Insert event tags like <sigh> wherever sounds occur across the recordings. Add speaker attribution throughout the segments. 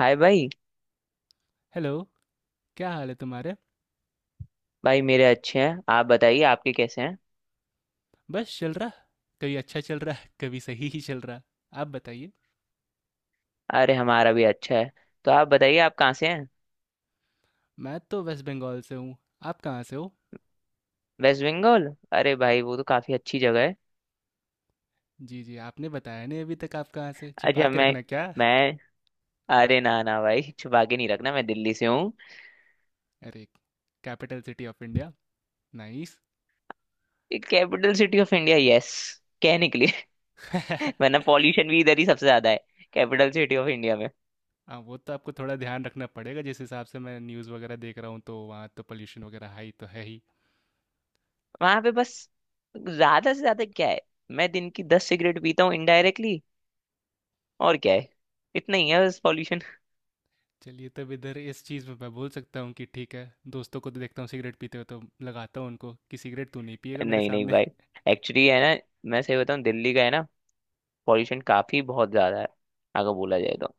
Speaker 1: हाय भाई।
Speaker 2: हेलो। क्या हाल है तुम्हारे?
Speaker 1: भाई मेरे अच्छे हैं, आप बताइए आपके कैसे हैं।
Speaker 2: बस चल रहा। कभी अच्छा चल रहा, कभी सही ही चल रहा। आप बताइए।
Speaker 1: अरे हमारा भी अच्छा है। तो आप बताइए आप कहाँ से हैं।
Speaker 2: मैं तो वेस्ट बंगाल से हूँ। आप कहाँ से हो?
Speaker 1: वेस्ट बंगाल? अरे भाई वो तो काफी अच्छी जगह है।
Speaker 2: जी जी, आपने बताया नहीं अभी तक, आप कहाँ से, छिपा
Speaker 1: अच्छा
Speaker 2: के
Speaker 1: मैं
Speaker 2: रखना क्या?
Speaker 1: मैं अरे ना ना भाई, छुपा के नहीं रखना, मैं दिल्ली से हूँ।
Speaker 2: अरे, capital city of India, nice.
Speaker 1: Capital city of India, yes, कहने के लिए।
Speaker 2: <laughs>
Speaker 1: <laughs> वरना पॉल्यूशन भी इधर ही सबसे ज्यादा है, कैपिटल सिटी ऑफ इंडिया में।
Speaker 2: हाँ, वो तो आपको थोड़ा ध्यान रखना पड़ेगा। जिस हिसाब से मैं न्यूज़ वगैरह देख रहा हूँ तो वहाँ तो पोल्यूशन वगैरह हाई तो है ही।
Speaker 1: वहां पे बस ज्यादा से ज्यादा क्या है, मैं दिन की 10 सिगरेट पीता हूँ इनडायरेक्टली। और क्या है, इतना ही है बस पॉल्यूशन।
Speaker 2: चलिए, तब इधर इस चीज़ में मैं बोल सकता हूँ कि ठीक है। दोस्तों को तो देखता हूँ सिगरेट पीते हुए तो लगाता हूँ उनको कि सिगरेट तू नहीं पिएगा मेरे
Speaker 1: नहीं नहीं
Speaker 2: सामने।
Speaker 1: भाई, एक्चुअली है ना, मैं सही बताऊँ दिल्ली का है ना, पॉल्यूशन काफी बहुत ज्यादा है अगर बोला जाए तो।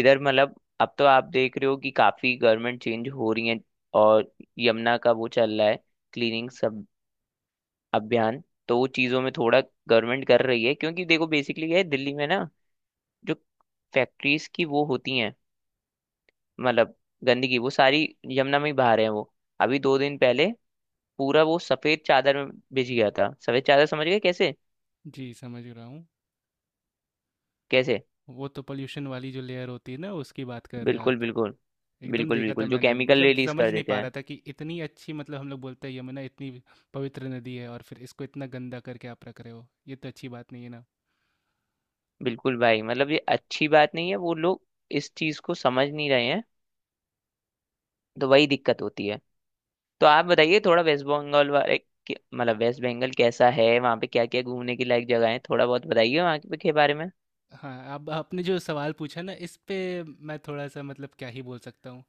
Speaker 1: इधर मतलब अब तो आप देख रहे हो कि काफी गवर्नमेंट चेंज हो रही है, और यमुना का वो चल रहा है, क्लीनिंग सब अभियान। तो वो चीजों में थोड़ा गवर्नमेंट कर रही है, क्योंकि देखो बेसिकली ये है, दिल्ली में ना जो फैक्ट्रीज की वो होती हैं, मतलब गंदगी वो सारी यमुना में ही बहा रहे हैं वो। अभी दो दिन पहले पूरा वो सफेद चादर में भिज गया था। सफेद चादर समझ गए, कैसे?
Speaker 2: <laughs> जी, समझ रहा हूँ।
Speaker 1: कैसे?
Speaker 2: वो तो पोल्यूशन वाली जो लेयर होती है ना, उसकी बात कर रहे हैं
Speaker 1: बिल्कुल
Speaker 2: आप।
Speaker 1: बिल्कुल।
Speaker 2: एकदम
Speaker 1: बिल्कुल
Speaker 2: देखा था
Speaker 1: बिल्कुल, जो
Speaker 2: मैंने,
Speaker 1: केमिकल
Speaker 2: मतलब
Speaker 1: रिलीज
Speaker 2: समझ
Speaker 1: कर
Speaker 2: नहीं
Speaker 1: देते
Speaker 2: पा
Speaker 1: हैं।
Speaker 2: रहा था कि इतनी अच्छी, मतलब हम लोग बोलते हैं यमुना इतनी पवित्र नदी है और फिर इसको इतना गंदा करके आप रख रहे हो, ये तो अच्छी बात नहीं है ना।
Speaker 1: बिल्कुल भाई, मतलब ये अच्छी बात नहीं है, वो लोग इस चीज को समझ नहीं रहे हैं, तो वही दिक्कत होती है। तो आप बताइए थोड़ा वेस्ट बंगाल वाले मतलब वेस्ट बंगाल कैसा है, वहाँ पे क्या क्या घूमने की लायक जगह है, थोड़ा बहुत बताइए वहाँ के बारे में।
Speaker 2: हाँ, अब आपने जो सवाल पूछा ना इस पे, मैं थोड़ा सा मतलब क्या ही बोल सकता हूँ।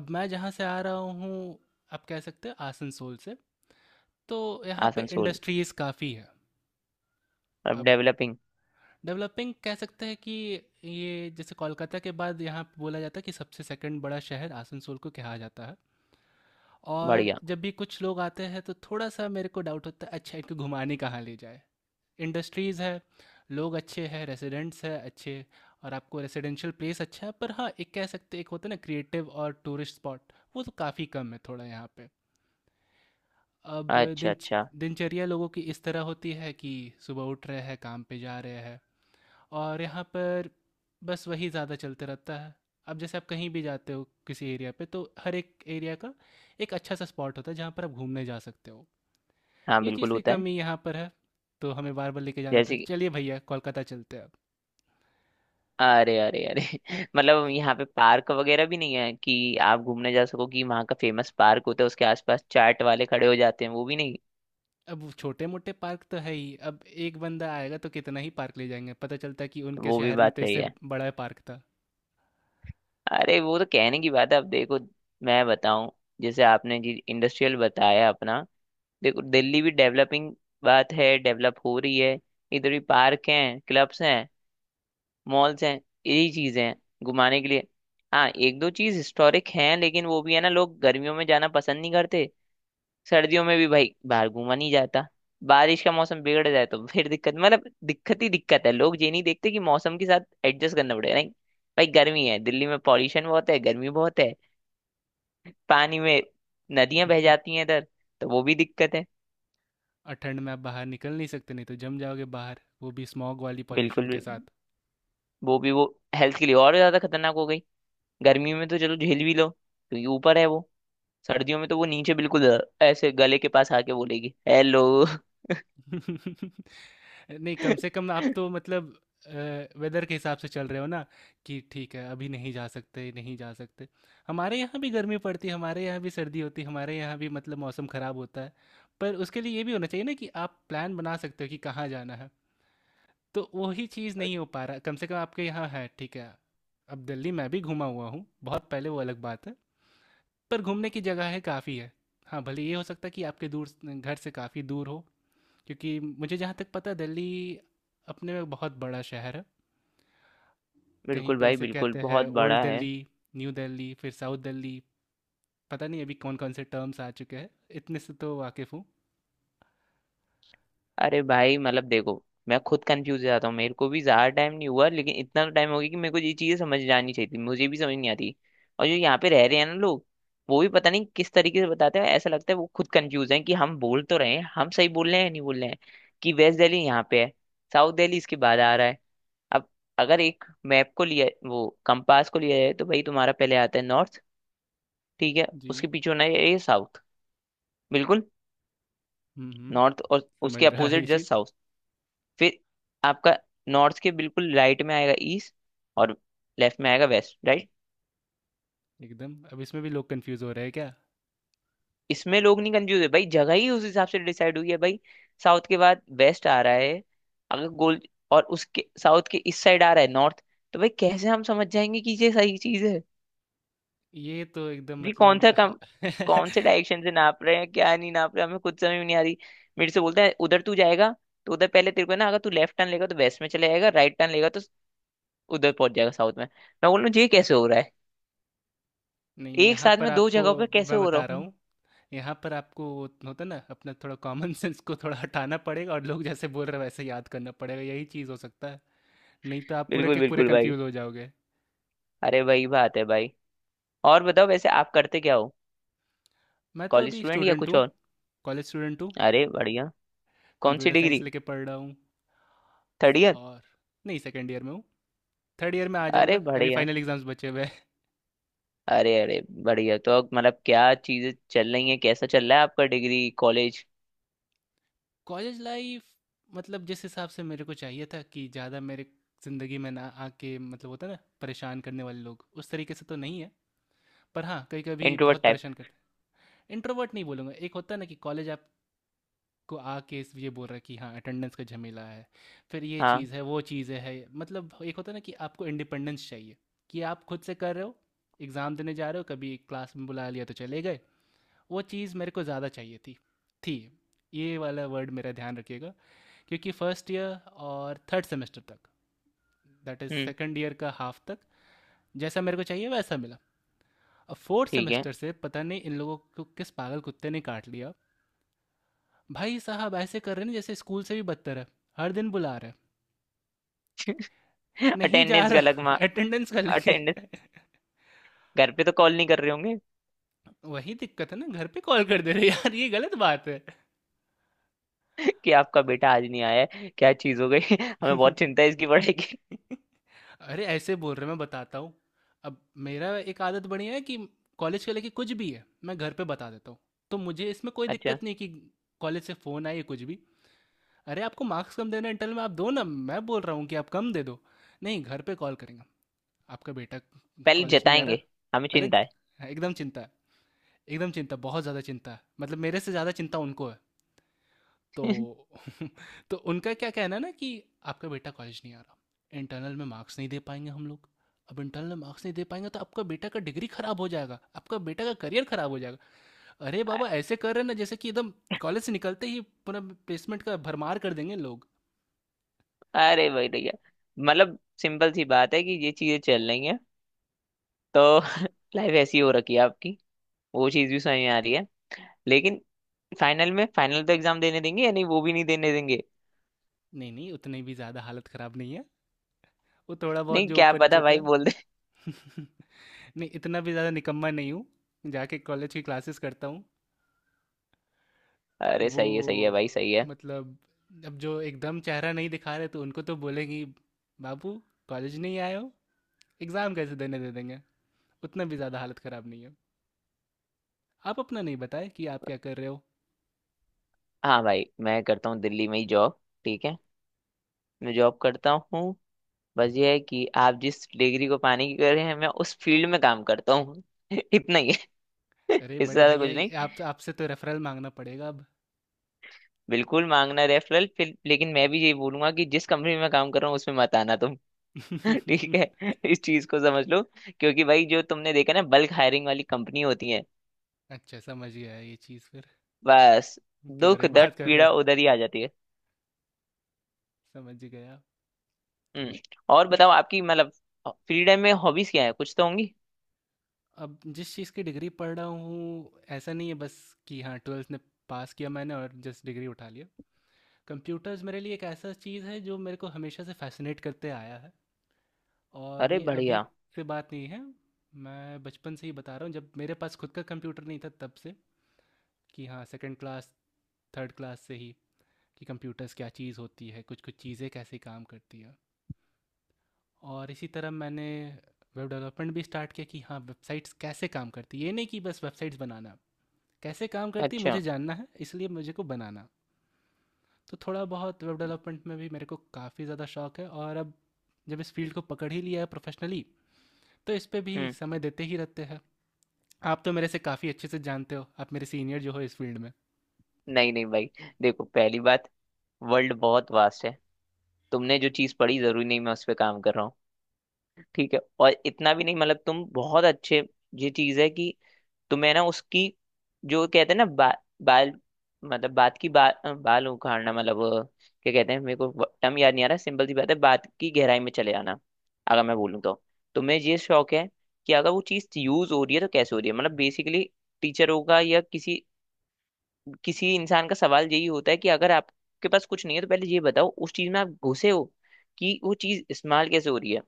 Speaker 2: अब मैं जहाँ से आ रहा हूँ, आप कह सकते हैं आसनसोल से। तो यहाँ पे
Speaker 1: आसनसोल?
Speaker 2: इंडस्ट्रीज़ काफ़ी है।
Speaker 1: अब
Speaker 2: अब
Speaker 1: डेवलपिंग।
Speaker 2: डेवलपिंग कह सकते हैं कि ये, जैसे कोलकाता के बाद यहाँ पे बोला जाता है कि सबसे सेकंड बड़ा शहर आसनसोल को कहा जाता है। और
Speaker 1: बढ़िया।
Speaker 2: जब भी कुछ लोग आते हैं तो थोड़ा सा मेरे को डाउट होता है, अच्छा इनको घुमाने कहाँ ले जाए। इंडस्ट्रीज़ है, लोग अच्छे हैं, रेसिडेंट्स है अच्छे, और आपको रेसिडेंशियल प्लेस अच्छा है, पर हाँ एक कह सकते एक होता है ना क्रिएटिव और टूरिस्ट स्पॉट, वो तो काफ़ी कम है थोड़ा यहाँ पे। अब
Speaker 1: अच्छा
Speaker 2: दिन
Speaker 1: अच्छा।
Speaker 2: दिनचर्या लोगों की इस तरह होती है कि सुबह उठ रहे हैं काम पे जा रहे हैं, और यहाँ पर बस वही ज़्यादा चलते रहता है। अब जैसे आप कहीं भी जाते हो किसी एरिया पे, तो हर एक एरिया का एक अच्छा सा स्पॉट होता है जहाँ पर आप घूमने जा सकते हो।
Speaker 1: हाँ
Speaker 2: ये
Speaker 1: बिल्कुल
Speaker 2: चीज़ की
Speaker 1: होता है।
Speaker 2: कमी यहाँ पर है। तो हमें बार बार लेके जाना था,
Speaker 1: जैसे
Speaker 2: चलिए भैया कोलकाता चलते हैं अब।
Speaker 1: अरे अरे अरे <laughs> मतलब यहाँ पे पार्क वगैरह भी नहीं है कि आप घूमने जा सको, कि वहाँ का फेमस पार्क होता है उसके आसपास चाट वाले खड़े हो जाते हैं, वो भी नहीं?
Speaker 2: अब वो छोटे मोटे पार्क तो है ही, अब एक बंदा आएगा तो कितना ही पार्क ले जाएंगे, पता चलता है कि उनके
Speaker 1: वो भी
Speaker 2: शहर में
Speaker 1: बात
Speaker 2: तो
Speaker 1: सही
Speaker 2: इससे
Speaker 1: है।
Speaker 2: बड़ा पार्क था।
Speaker 1: अरे वो तो कहने की बात है, अब देखो मैं बताऊं, जैसे आपने जी इंडस्ट्रियल बताया अपना, देखो दिल्ली भी डेवलपिंग, बात है डेवलप हो रही है। इधर भी पार्क हैं, क्लब्स हैं, मॉल्स हैं, यही चीजें हैं घुमाने के लिए। हाँ एक दो चीज हिस्टोरिक हैं, लेकिन वो भी है ना, लोग गर्मियों में जाना पसंद नहीं करते। सर्दियों में भी भाई बाहर घूमा नहीं जाता। बारिश का मौसम बिगड़ जाए तो फिर दिक्कत, मतलब दिक्कत ही दिक्कत है। लोग ये नहीं देखते कि मौसम के साथ एडजस्ट करना पड़ेगा। नहीं भाई, गर्मी है, दिल्ली में पॉल्यूशन बहुत है, गर्मी बहुत है, पानी में नदियां बह
Speaker 2: <laughs>
Speaker 1: जाती हैं इधर, तो वो भी दिक्कत है।
Speaker 2: और ठंड में आप बाहर निकल नहीं सकते, नहीं तो जम जाओगे बाहर, वो भी स्मॉग वाली पॉल्यूशन
Speaker 1: बिल्कुल
Speaker 2: के
Speaker 1: भी-
Speaker 2: साथ।
Speaker 1: वो हेल्थ के लिए और ज्यादा खतरनाक हो गई। गर्मी में तो चलो झेल भी लो, क्योंकि ऊपर है वो, सर्दियों में तो वो नीचे बिल्कुल ऐसे गले के पास आके बोलेगी हेलो। <laughs>
Speaker 2: <laughs> नहीं, कम से कम आप तो मतलब वेदर के हिसाब से चल रहे हो ना, कि ठीक है अभी नहीं जा सकते, नहीं जा सकते। हमारे यहाँ भी गर्मी पड़ती है, हमारे यहाँ भी सर्दी होती है, हमारे यहाँ भी मतलब मौसम ख़राब होता है, पर उसके लिए ये भी होना चाहिए ना कि आप प्लान बना सकते हो कि कहाँ जाना है। तो वही चीज़ नहीं हो पा रहा, कम से कम आपके यहाँ है, ठीक है। अब दिल्ली मैं भी घूमा हुआ हूँ, बहुत पहले, वो अलग बात है, पर घूमने की जगह है काफ़ी है। हाँ, भले ये हो सकता है कि आपके दूर, घर से काफ़ी दूर हो, क्योंकि मुझे जहाँ तक पता है, दिल्ली अपने में बहुत बड़ा शहर है। कहीं
Speaker 1: बिल्कुल
Speaker 2: पे
Speaker 1: भाई,
Speaker 2: इसे
Speaker 1: बिल्कुल
Speaker 2: कहते हैं
Speaker 1: बहुत
Speaker 2: ओल्ड
Speaker 1: बड़ा है।
Speaker 2: दिल्ली, न्यू दिल्ली, फिर साउथ दिल्ली। पता नहीं अभी कौन कौन से टर्म्स आ चुके हैं, इतने से तो वाकिफ़ हूँ।
Speaker 1: अरे भाई मतलब देखो, मैं खुद कंफ्यूज हो जाता हूँ, मेरे को भी ज्यादा टाइम नहीं हुआ, लेकिन इतना टाइम हो गया कि मेरे को ये चीजें समझ जानी चाहिए थी, मुझे भी समझ नहीं आती। और जो यहाँ पे रह रहे हैं ना लोग, वो भी पता नहीं किस तरीके से बताते हैं, ऐसा लगता है वो खुद कंफ्यूज हैं कि हम बोल तो रहे हैं, हम सही बोल रहे हैं या नहीं बोल रहे हैं। कि वेस्ट दिल्ली यहाँ पे है, साउथ दिल्ली इसके बाद आ रहा है। अब अगर एक मैप को लिया, वो कंपास को लिया जाए, तो भाई तुम्हारा पहले आता है नॉर्थ, ठीक है,
Speaker 2: जी।
Speaker 1: उसके पीछे होना है ये साउथ। बिल्कुल।
Speaker 2: हम्म, हम्म।
Speaker 1: नॉर्थ और
Speaker 2: समझ
Speaker 1: उसके
Speaker 2: रहा है ये
Speaker 1: अपोजिट
Speaker 2: चीज़।
Speaker 1: Just south. फिर आपका नॉर्थ के बिल्कुल राइट में आएगा ईस्ट, और लेफ्ट में आएगा वेस्ट, राइट?
Speaker 2: एकदम। अब इसमें भी लोग कंफ्यूज हो रहे हैं क्या?
Speaker 1: इसमें लोग नहीं कंफ्यूज है भाई, जगह ही उस हिसाब से डिसाइड हुई है भाई। साउथ के बाद वेस्ट आ रहा है अगर गोल, और उसके साउथ के इस साइड आ रहा है नॉर्थ, तो भाई कैसे हम समझ जाएंगे कि ये सही चीज है।
Speaker 2: ये तो एकदम
Speaker 1: जी कौन सा
Speaker 2: मतलब,
Speaker 1: कम,
Speaker 2: <laughs>
Speaker 1: कौन से डायरेक्शन से नाप रहे हैं क्या, नहीं नाप रहे हैं, हमें खुद समझ में नहीं आ रही। मेरे से बोलता है उधर तू जाएगा, तो उधर पहले तेरे को ना, अगर तू लेफ्ट टर्न लेगा तो वेस्ट में चले जाएगा, राइट टर्न लेगा तो उधर पहुंच जाएगा साउथ में, मैं बोल रहा हूँ ये कैसे हो रहा है,
Speaker 2: नहीं,
Speaker 1: एक
Speaker 2: यहाँ
Speaker 1: साथ
Speaker 2: पर
Speaker 1: में दो
Speaker 2: आपको,
Speaker 1: जगहों पे कैसे
Speaker 2: मैं
Speaker 1: हो रहा
Speaker 2: बता रहा
Speaker 1: हूँ।
Speaker 2: हूँ, यहाँ पर आपको वो होता ना अपना थोड़ा कॉमन सेंस को थोड़ा हटाना पड़ेगा, और लोग जैसे बोल रहे हैं वैसे याद करना पड़ेगा, यही चीज़ हो सकता है। नहीं तो
Speaker 1: <laughs>
Speaker 2: आप पूरे
Speaker 1: बिल्कुल
Speaker 2: के पूरे
Speaker 1: बिल्कुल भाई,
Speaker 2: कंफ्यूज हो जाओगे।
Speaker 1: अरे वही बात है भाई। और बताओ, वैसे आप करते क्या हो?
Speaker 2: मैं तो
Speaker 1: कॉलेज
Speaker 2: अभी
Speaker 1: स्टूडेंट या
Speaker 2: स्टूडेंट
Speaker 1: कुछ
Speaker 2: हूँ।
Speaker 1: और?
Speaker 2: कॉलेज स्टूडेंट हूँ।
Speaker 1: अरे बढ़िया। कौन सी
Speaker 2: कंप्यूटर साइंस
Speaker 1: डिग्री?
Speaker 2: लेके पढ़ रहा हूँ।
Speaker 1: Third year?
Speaker 2: और नहीं, सेकेंड ईयर में हूँ, थर्ड ईयर में आ
Speaker 1: अरे
Speaker 2: जाऊँगा, अभी
Speaker 1: बढ़िया।
Speaker 2: फाइनल एग्ज़ाम्स बचे हुए।
Speaker 1: अरे अरे बढ़िया, तो अब मतलब क्या चीजें चल रही हैं, कैसा चल रहा है आपका डिग्री कॉलेज?
Speaker 2: कॉलेज लाइफ, मतलब जिस हिसाब से मेरे को चाहिए था कि ज़्यादा मेरे ज़िंदगी में ना आके, मतलब होता है ना परेशान करने वाले लोग, उस तरीके से तो नहीं है, पर हाँ कभी कभी
Speaker 1: इंट्रोवर्ट
Speaker 2: बहुत
Speaker 1: टाइप?
Speaker 2: परेशान करते हैं। इंट्रोवर्ट नहीं बोलूँगा। एक होता है ना कि कॉलेज आपको आके इस- ये बोल रहा है कि हाँ अटेंडेंस का झमेला है, फिर ये
Speaker 1: हाँ।
Speaker 2: चीज़ है वो चीज़ें है, मतलब एक होता है ना कि आपको इंडिपेंडेंस चाहिए, कि आप खुद से कर रहे हो, एग्ज़ाम देने जा रहे हो, कभी क्लास में बुला लिया तो चले गए। वो चीज़ मेरे को ज़्यादा चाहिए थी। थी, ये वाला वर्ड मेरा ध्यान रखिएगा, क्योंकि फर्स्ट ईयर और थर्ड सेमेस्टर तक, that is
Speaker 1: hmm.
Speaker 2: Second year का हाफ तक, जैसा मेरे को चाहिए वैसा मिला। अब फोर्थ
Speaker 1: ठीक है।
Speaker 2: सेमेस्टर से पता नहीं इन लोगों को किस पागल कुत्ते ने काट लिया। भाई साहब ऐसे कर रहे हैं जैसे स्कूल से भी बदतर है। हर दिन बुला रहे हैं।
Speaker 1: <laughs>
Speaker 2: नहीं जा
Speaker 1: अटेंडेंस का अलग
Speaker 2: रहा
Speaker 1: मा-
Speaker 2: <laughs> अटेंडेंस कर लेंगे।
Speaker 1: अटेंडेंस
Speaker 2: <laughs>
Speaker 1: घर पे तो कॉल नहीं कर रहे होंगे?
Speaker 2: वही दिक्कत है ना, घर पे कॉल कर दे रहे यार, ये गलत बात
Speaker 1: <laughs> कि आपका बेटा आज नहीं आया है, क्या चीज हो गई, <laughs> हमें
Speaker 2: है।
Speaker 1: बहुत चिंता है, इसकी बढ़ेगी।
Speaker 2: <laughs> <laughs> अरे ऐसे बोल रहे, मैं बताता हूँ। अब मेरा एक आदत बनी है कि कॉलेज के लेके कुछ भी है मैं घर पे बता देता हूँ। तो मुझे इसमें कोई
Speaker 1: <laughs> अच्छा।
Speaker 2: दिक्कत नहीं कि कॉलेज से फ़ोन आए या कुछ भी। अरे आपको मार्क्स कम देना इंटरनल में, आप दो ना, मैं बोल रहा हूँ कि आप कम दे दो। नहीं, घर पे कॉल करेंगे, आपका बेटा
Speaker 1: पहले
Speaker 2: कॉलेज नहीं आ रहा,
Speaker 1: जताएंगे, हमें
Speaker 2: पहले
Speaker 1: चिंता
Speaker 2: एकदम चिंता है, एकदम चिंता, बहुत ज़्यादा चिंता है, मतलब मेरे से ज़्यादा चिंता उनको है तो।
Speaker 1: है। <laughs>
Speaker 2: <laughs> तो उनका क्या कहना है ना, कि आपका बेटा कॉलेज नहीं आ रहा, इंटरनल में मार्क्स नहीं दे पाएंगे हम लोग, अब इंटरनल में मार्क्स नहीं दे पाएंगे तो आपका बेटा का डिग्री खराब हो जाएगा, आपका बेटा का करियर खराब हो जाएगा। अरे
Speaker 1: अ-
Speaker 2: बाबा, ऐसे कर रहे हैं ना जैसे कि एकदम कॉलेज से निकलते ही पूरा प्लेसमेंट का भरमार कर देंगे लोग।
Speaker 1: अरे भाई भैया, मतलब सिंपल सी बात है कि ये चीजें चल रही हैं, तो <laughs> लाइफ ऐसी हो रखी है आपकी, वो चीज भी समझ में आ रही है। लेकिन फाइनल में, फाइनल तो एग्जाम देने देंगे या नहीं, वो भी नहीं देने देंगे?
Speaker 2: नहीं नहीं, उतनी भी ज़्यादा हालत ख़राब नहीं है। वो थोड़ा बहुत
Speaker 1: नहीं
Speaker 2: जो
Speaker 1: क्या
Speaker 2: ऊपर नीचे
Speaker 1: पता
Speaker 2: होता
Speaker 1: भाई बोल दे।
Speaker 2: है। <laughs> नहीं, इतना भी ज़्यादा निकम्मा नहीं हूँ, जाके कॉलेज की क्लासेस करता हूँ।
Speaker 1: <laughs> अरे
Speaker 2: वो
Speaker 1: सही है भाई, सही है।
Speaker 2: मतलब, अब जो एकदम चेहरा नहीं दिखा रहे तो उनको तो बोलेंगी, बाबू कॉलेज नहीं आए हो, एग्ज़ाम कैसे देने दे देंगे। उतना भी ज़्यादा हालत ख़राब नहीं है। आप अपना नहीं बताए कि आप क्या कर रहे हो।
Speaker 1: हाँ भाई, मैं करता हूँ दिल्ली में ही जॉब, ठीक है, मैं जॉब करता हूँ। बस ये है कि आप जिस डिग्री को पाने की कर रहे हैं, मैं उस फील्ड में काम करता हूँ। <laughs> इतना ही है, <laughs>
Speaker 2: अरे
Speaker 1: इससे
Speaker 2: बड़े
Speaker 1: ज्यादा
Speaker 2: भैया,
Speaker 1: कुछ नहीं।
Speaker 2: ये आप आपसे तो रेफरल मांगना पड़ेगा अब।
Speaker 1: बिल्कुल मांगना रेफरल फिर, लेकिन मैं भी यही बोलूंगा कि जिस कंपनी में मैं काम कर रहा हूँ उसमें मत आना तुम। <laughs> ठीक है,
Speaker 2: <laughs>
Speaker 1: इस चीज को समझ लो, क्योंकि भाई जो तुमने देखा ना बल्क हायरिंग वाली कंपनी होती है
Speaker 2: अच्छा, समझ गया ये चीज़ फिर,
Speaker 1: बस,
Speaker 2: किधर
Speaker 1: दुख
Speaker 2: ये
Speaker 1: दर्द
Speaker 2: बात कर रहे
Speaker 1: पीड़ा
Speaker 2: हो।
Speaker 1: उधर ही आ जाती है।
Speaker 2: समझ गया।
Speaker 1: हम्म। और बताओ, आपकी मतलब फ्री टाइम में हॉबीज क्या है, कुछ तो होंगी।
Speaker 2: अब जिस चीज़ की डिग्री पढ़ रहा हूँ, ऐसा नहीं है बस कि हाँ ट्वेल्थ में पास किया मैंने और जस्ट डिग्री उठा लिया। कंप्यूटर्स मेरे लिए एक ऐसा चीज़ है जो मेरे को हमेशा से फैसिनेट करते आया है। और
Speaker 1: अरे
Speaker 2: ये अभी
Speaker 1: बढ़िया।
Speaker 2: की बात नहीं है, मैं बचपन से ही बता रहा हूँ, जब मेरे पास खुद का कंप्यूटर नहीं था तब से, कि हाँ सेकंड क्लास, थर्ड क्लास से ही, कि कंप्यूटर्स क्या चीज़ होती है, कुछ कुछ चीज़ें कैसे काम करती हैं। और इसी तरह मैंने वेब डेवलपमेंट भी स्टार्ट किया, कि हाँ वेबसाइट्स कैसे काम करती, ये नहीं कि बस वेबसाइट्स बनाना, कैसे काम करती
Speaker 1: अच्छा।
Speaker 2: मुझे जानना है इसलिए मुझे को बनाना। तो थोड़ा बहुत वेब डेवलपमेंट में भी मेरे को काफ़ी ज़्यादा शौक है, और अब जब इस फील्ड को पकड़ ही लिया है प्रोफेशनली, तो इस पे भी
Speaker 1: हम्म।
Speaker 2: समय देते ही रहते हैं। आप तो मेरे से काफ़ी अच्छे से जानते हो, आप मेरे सीनियर जो हो इस फील्ड में।
Speaker 1: नहीं नहीं भाई, देखो पहली बात, वर्ल्ड बहुत वास्ट है, तुमने जो चीज पढ़ी जरूरी नहीं मैं उस पर काम कर रहा हूँ, ठीक है। और इतना भी नहीं, मतलब तुम बहुत अच्छे, ये चीज है कि, तो मैं ना उसकी, जो कहते हैं ना बाल, मतलब बात की बाल उखाड़ना, मतलब क्या कहते हैं, मेरे को टर्म याद नहीं आ रहा, सिंपल सी बात है, बात की गहराई में चले जाना अगर मैं बोलूँ तो। तो मैं ये शौक है कि अगर वो चीज़ यूज हो रही है तो कैसे हो रही है, मतलब बेसिकली। टीचर होगा या किसी, किसी इंसान का सवाल यही होता है कि अगर आपके पास कुछ नहीं है, तो पहले ये बताओ उस चीज में आप घुसे हो, कि वो चीज इस्तेमाल कैसे हो रही है।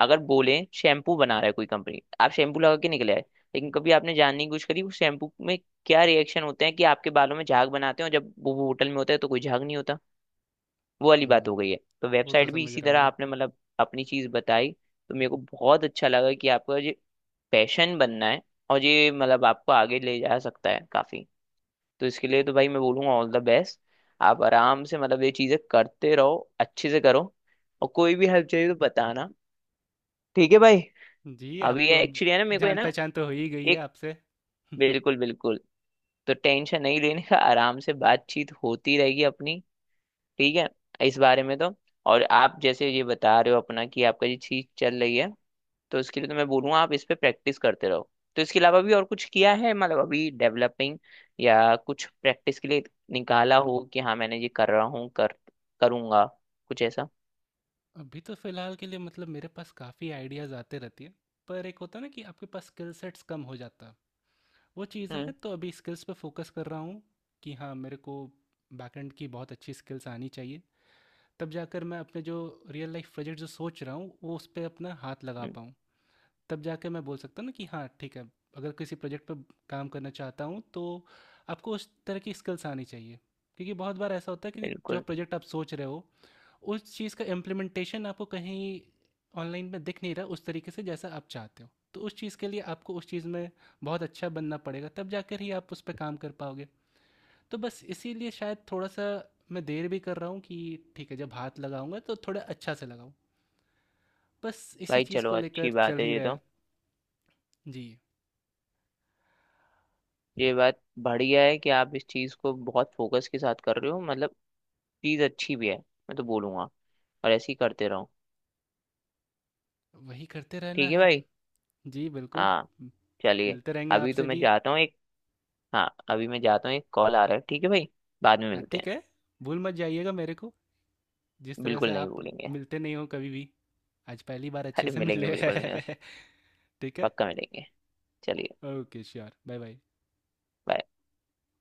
Speaker 1: अगर बोले शैम्पू बना रहा है कोई कंपनी, आप शैम्पू लगा के निकले आए, लेकिन कभी आपने जानने की कोशिश करी उस शैम्पू में क्या रिएक्शन होते हैं, कि आपके बालों में झाग बनाते हैं और जब वो होटल में होता है तो कोई झाग नहीं होता, वो वाली बात
Speaker 2: हम्म,
Speaker 1: हो गई है। तो
Speaker 2: वो तो
Speaker 1: वेबसाइट भी
Speaker 2: समझ
Speaker 1: इसी
Speaker 2: रहा
Speaker 1: तरह
Speaker 2: हूँ।
Speaker 1: आपने मतलब अपनी चीज बताई, तो मेरे को बहुत अच्छा लगा कि आपका ये पैशन बनना है, और ये मतलब आपको आगे ले जा सकता है काफी। तो इसके लिए तो भाई मैं बोलूंगा ऑल द बेस्ट, आप आराम से मतलब ये चीजें करते रहो, अच्छे से करो, और कोई भी हेल्प चाहिए तो बताना, ठीक है भाई।
Speaker 2: जी,
Speaker 1: अभी
Speaker 2: आपको
Speaker 1: ये
Speaker 2: अब
Speaker 1: एक्चुअली है ना, मेरे को है
Speaker 2: जान
Speaker 1: ना
Speaker 2: पहचान तो हो ही गई है
Speaker 1: एक,
Speaker 2: आपसे। <laughs>
Speaker 1: बिल्कुल बिल्कुल, तो टेंशन नहीं लेने का, आराम से बातचीत होती रहेगी अपनी, ठीक है इस बारे में तो। और आप जैसे ये बता रहे हो अपना कि आपका ये चीज चल रही है, तो इसके लिए तो मैं बोलूँगा आप इस पे प्रैक्टिस करते रहो। तो इसके अलावा भी और कुछ किया है, मतलब अभी डेवलपिंग या कुछ प्रैक्टिस के लिए निकाला हो, कि हाँ मैंने ये कर रहा हूँ, कर करूँगा, कुछ ऐसा?
Speaker 2: अभी तो फिलहाल के लिए मतलब मेरे पास काफ़ी आइडियाज़ आते रहती है, पर एक होता है ना कि आपके पास स्किल सेट्स कम हो जाता है, वो चीज़ है
Speaker 1: हम्म।
Speaker 2: तो अभी स्किल्स पे फोकस कर रहा हूँ, कि हाँ मेरे को बैकएंड की बहुत अच्छी स्किल्स आनी चाहिए, तब जाकर मैं अपने जो रियल लाइफ प्रोजेक्ट जो सोच रहा हूँ वो उस पर अपना हाथ लगा
Speaker 1: हम्म,
Speaker 2: पाऊँ। तब जाके मैं बोल सकता हूँ ना कि हाँ ठीक है, अगर किसी प्रोजेक्ट पर काम करना चाहता हूँ तो आपको उस तरह की स्किल्स आनी चाहिए, क्योंकि बहुत बार ऐसा होता है कि जो
Speaker 1: बिल्कुल
Speaker 2: प्रोजेक्ट आप सोच रहे हो, उस चीज़ का इम्प्लीमेंटेशन आपको कहीं ऑनलाइन में दिख नहीं रहा उस तरीके से जैसा आप चाहते हो, तो उस चीज़ के लिए आपको उस चीज़ में बहुत अच्छा बनना पड़ेगा, तब जाकर ही आप उस पर काम कर पाओगे। तो बस इसीलिए शायद थोड़ा सा मैं देर भी कर रहा हूँ, कि ठीक है, जब हाथ लगाऊंगा तो थोड़ा अच्छा से लगाऊं, बस इसी
Speaker 1: भाई।
Speaker 2: चीज़
Speaker 1: चलो
Speaker 2: को
Speaker 1: अच्छी
Speaker 2: लेकर चल
Speaker 1: बात है
Speaker 2: ही
Speaker 1: ये
Speaker 2: रहा
Speaker 1: तो,
Speaker 2: है। जी,
Speaker 1: ये बात बढ़िया है कि आप इस चीज़ को बहुत फोकस के साथ कर रहे हो, मतलब चीज़ अच्छी भी है, मैं तो बोलूँगा और ऐसे ही करते रहो,
Speaker 2: वही करते रहना
Speaker 1: ठीक है
Speaker 2: है।
Speaker 1: भाई।
Speaker 2: जी बिल्कुल।
Speaker 1: हाँ
Speaker 2: म-
Speaker 1: चलिए,
Speaker 2: मिलते रहेंगे
Speaker 1: अभी तो
Speaker 2: आपसे
Speaker 1: मैं
Speaker 2: भी।
Speaker 1: जाता हूँ एक, हाँ अभी मैं जाता हूँ, एक कॉल आ रहा है, ठीक है भाई, बाद में
Speaker 2: हाँ,
Speaker 1: मिलते
Speaker 2: ठीक
Speaker 1: हैं।
Speaker 2: है, भूल मत जाइएगा मेरे को, जिस तरह से
Speaker 1: बिल्कुल नहीं
Speaker 2: आप
Speaker 1: भूलेंगे।
Speaker 2: मिलते नहीं हो कभी भी। आज पहली बार अच्छे
Speaker 1: अरे
Speaker 2: से
Speaker 1: मिलेंगे
Speaker 2: मिले।
Speaker 1: बिल्कुल मिलेंगे,
Speaker 2: <laughs> ठीक है,
Speaker 1: पक्का मिलेंगे, चलिए
Speaker 2: okay sure, bye bye.
Speaker 1: bye।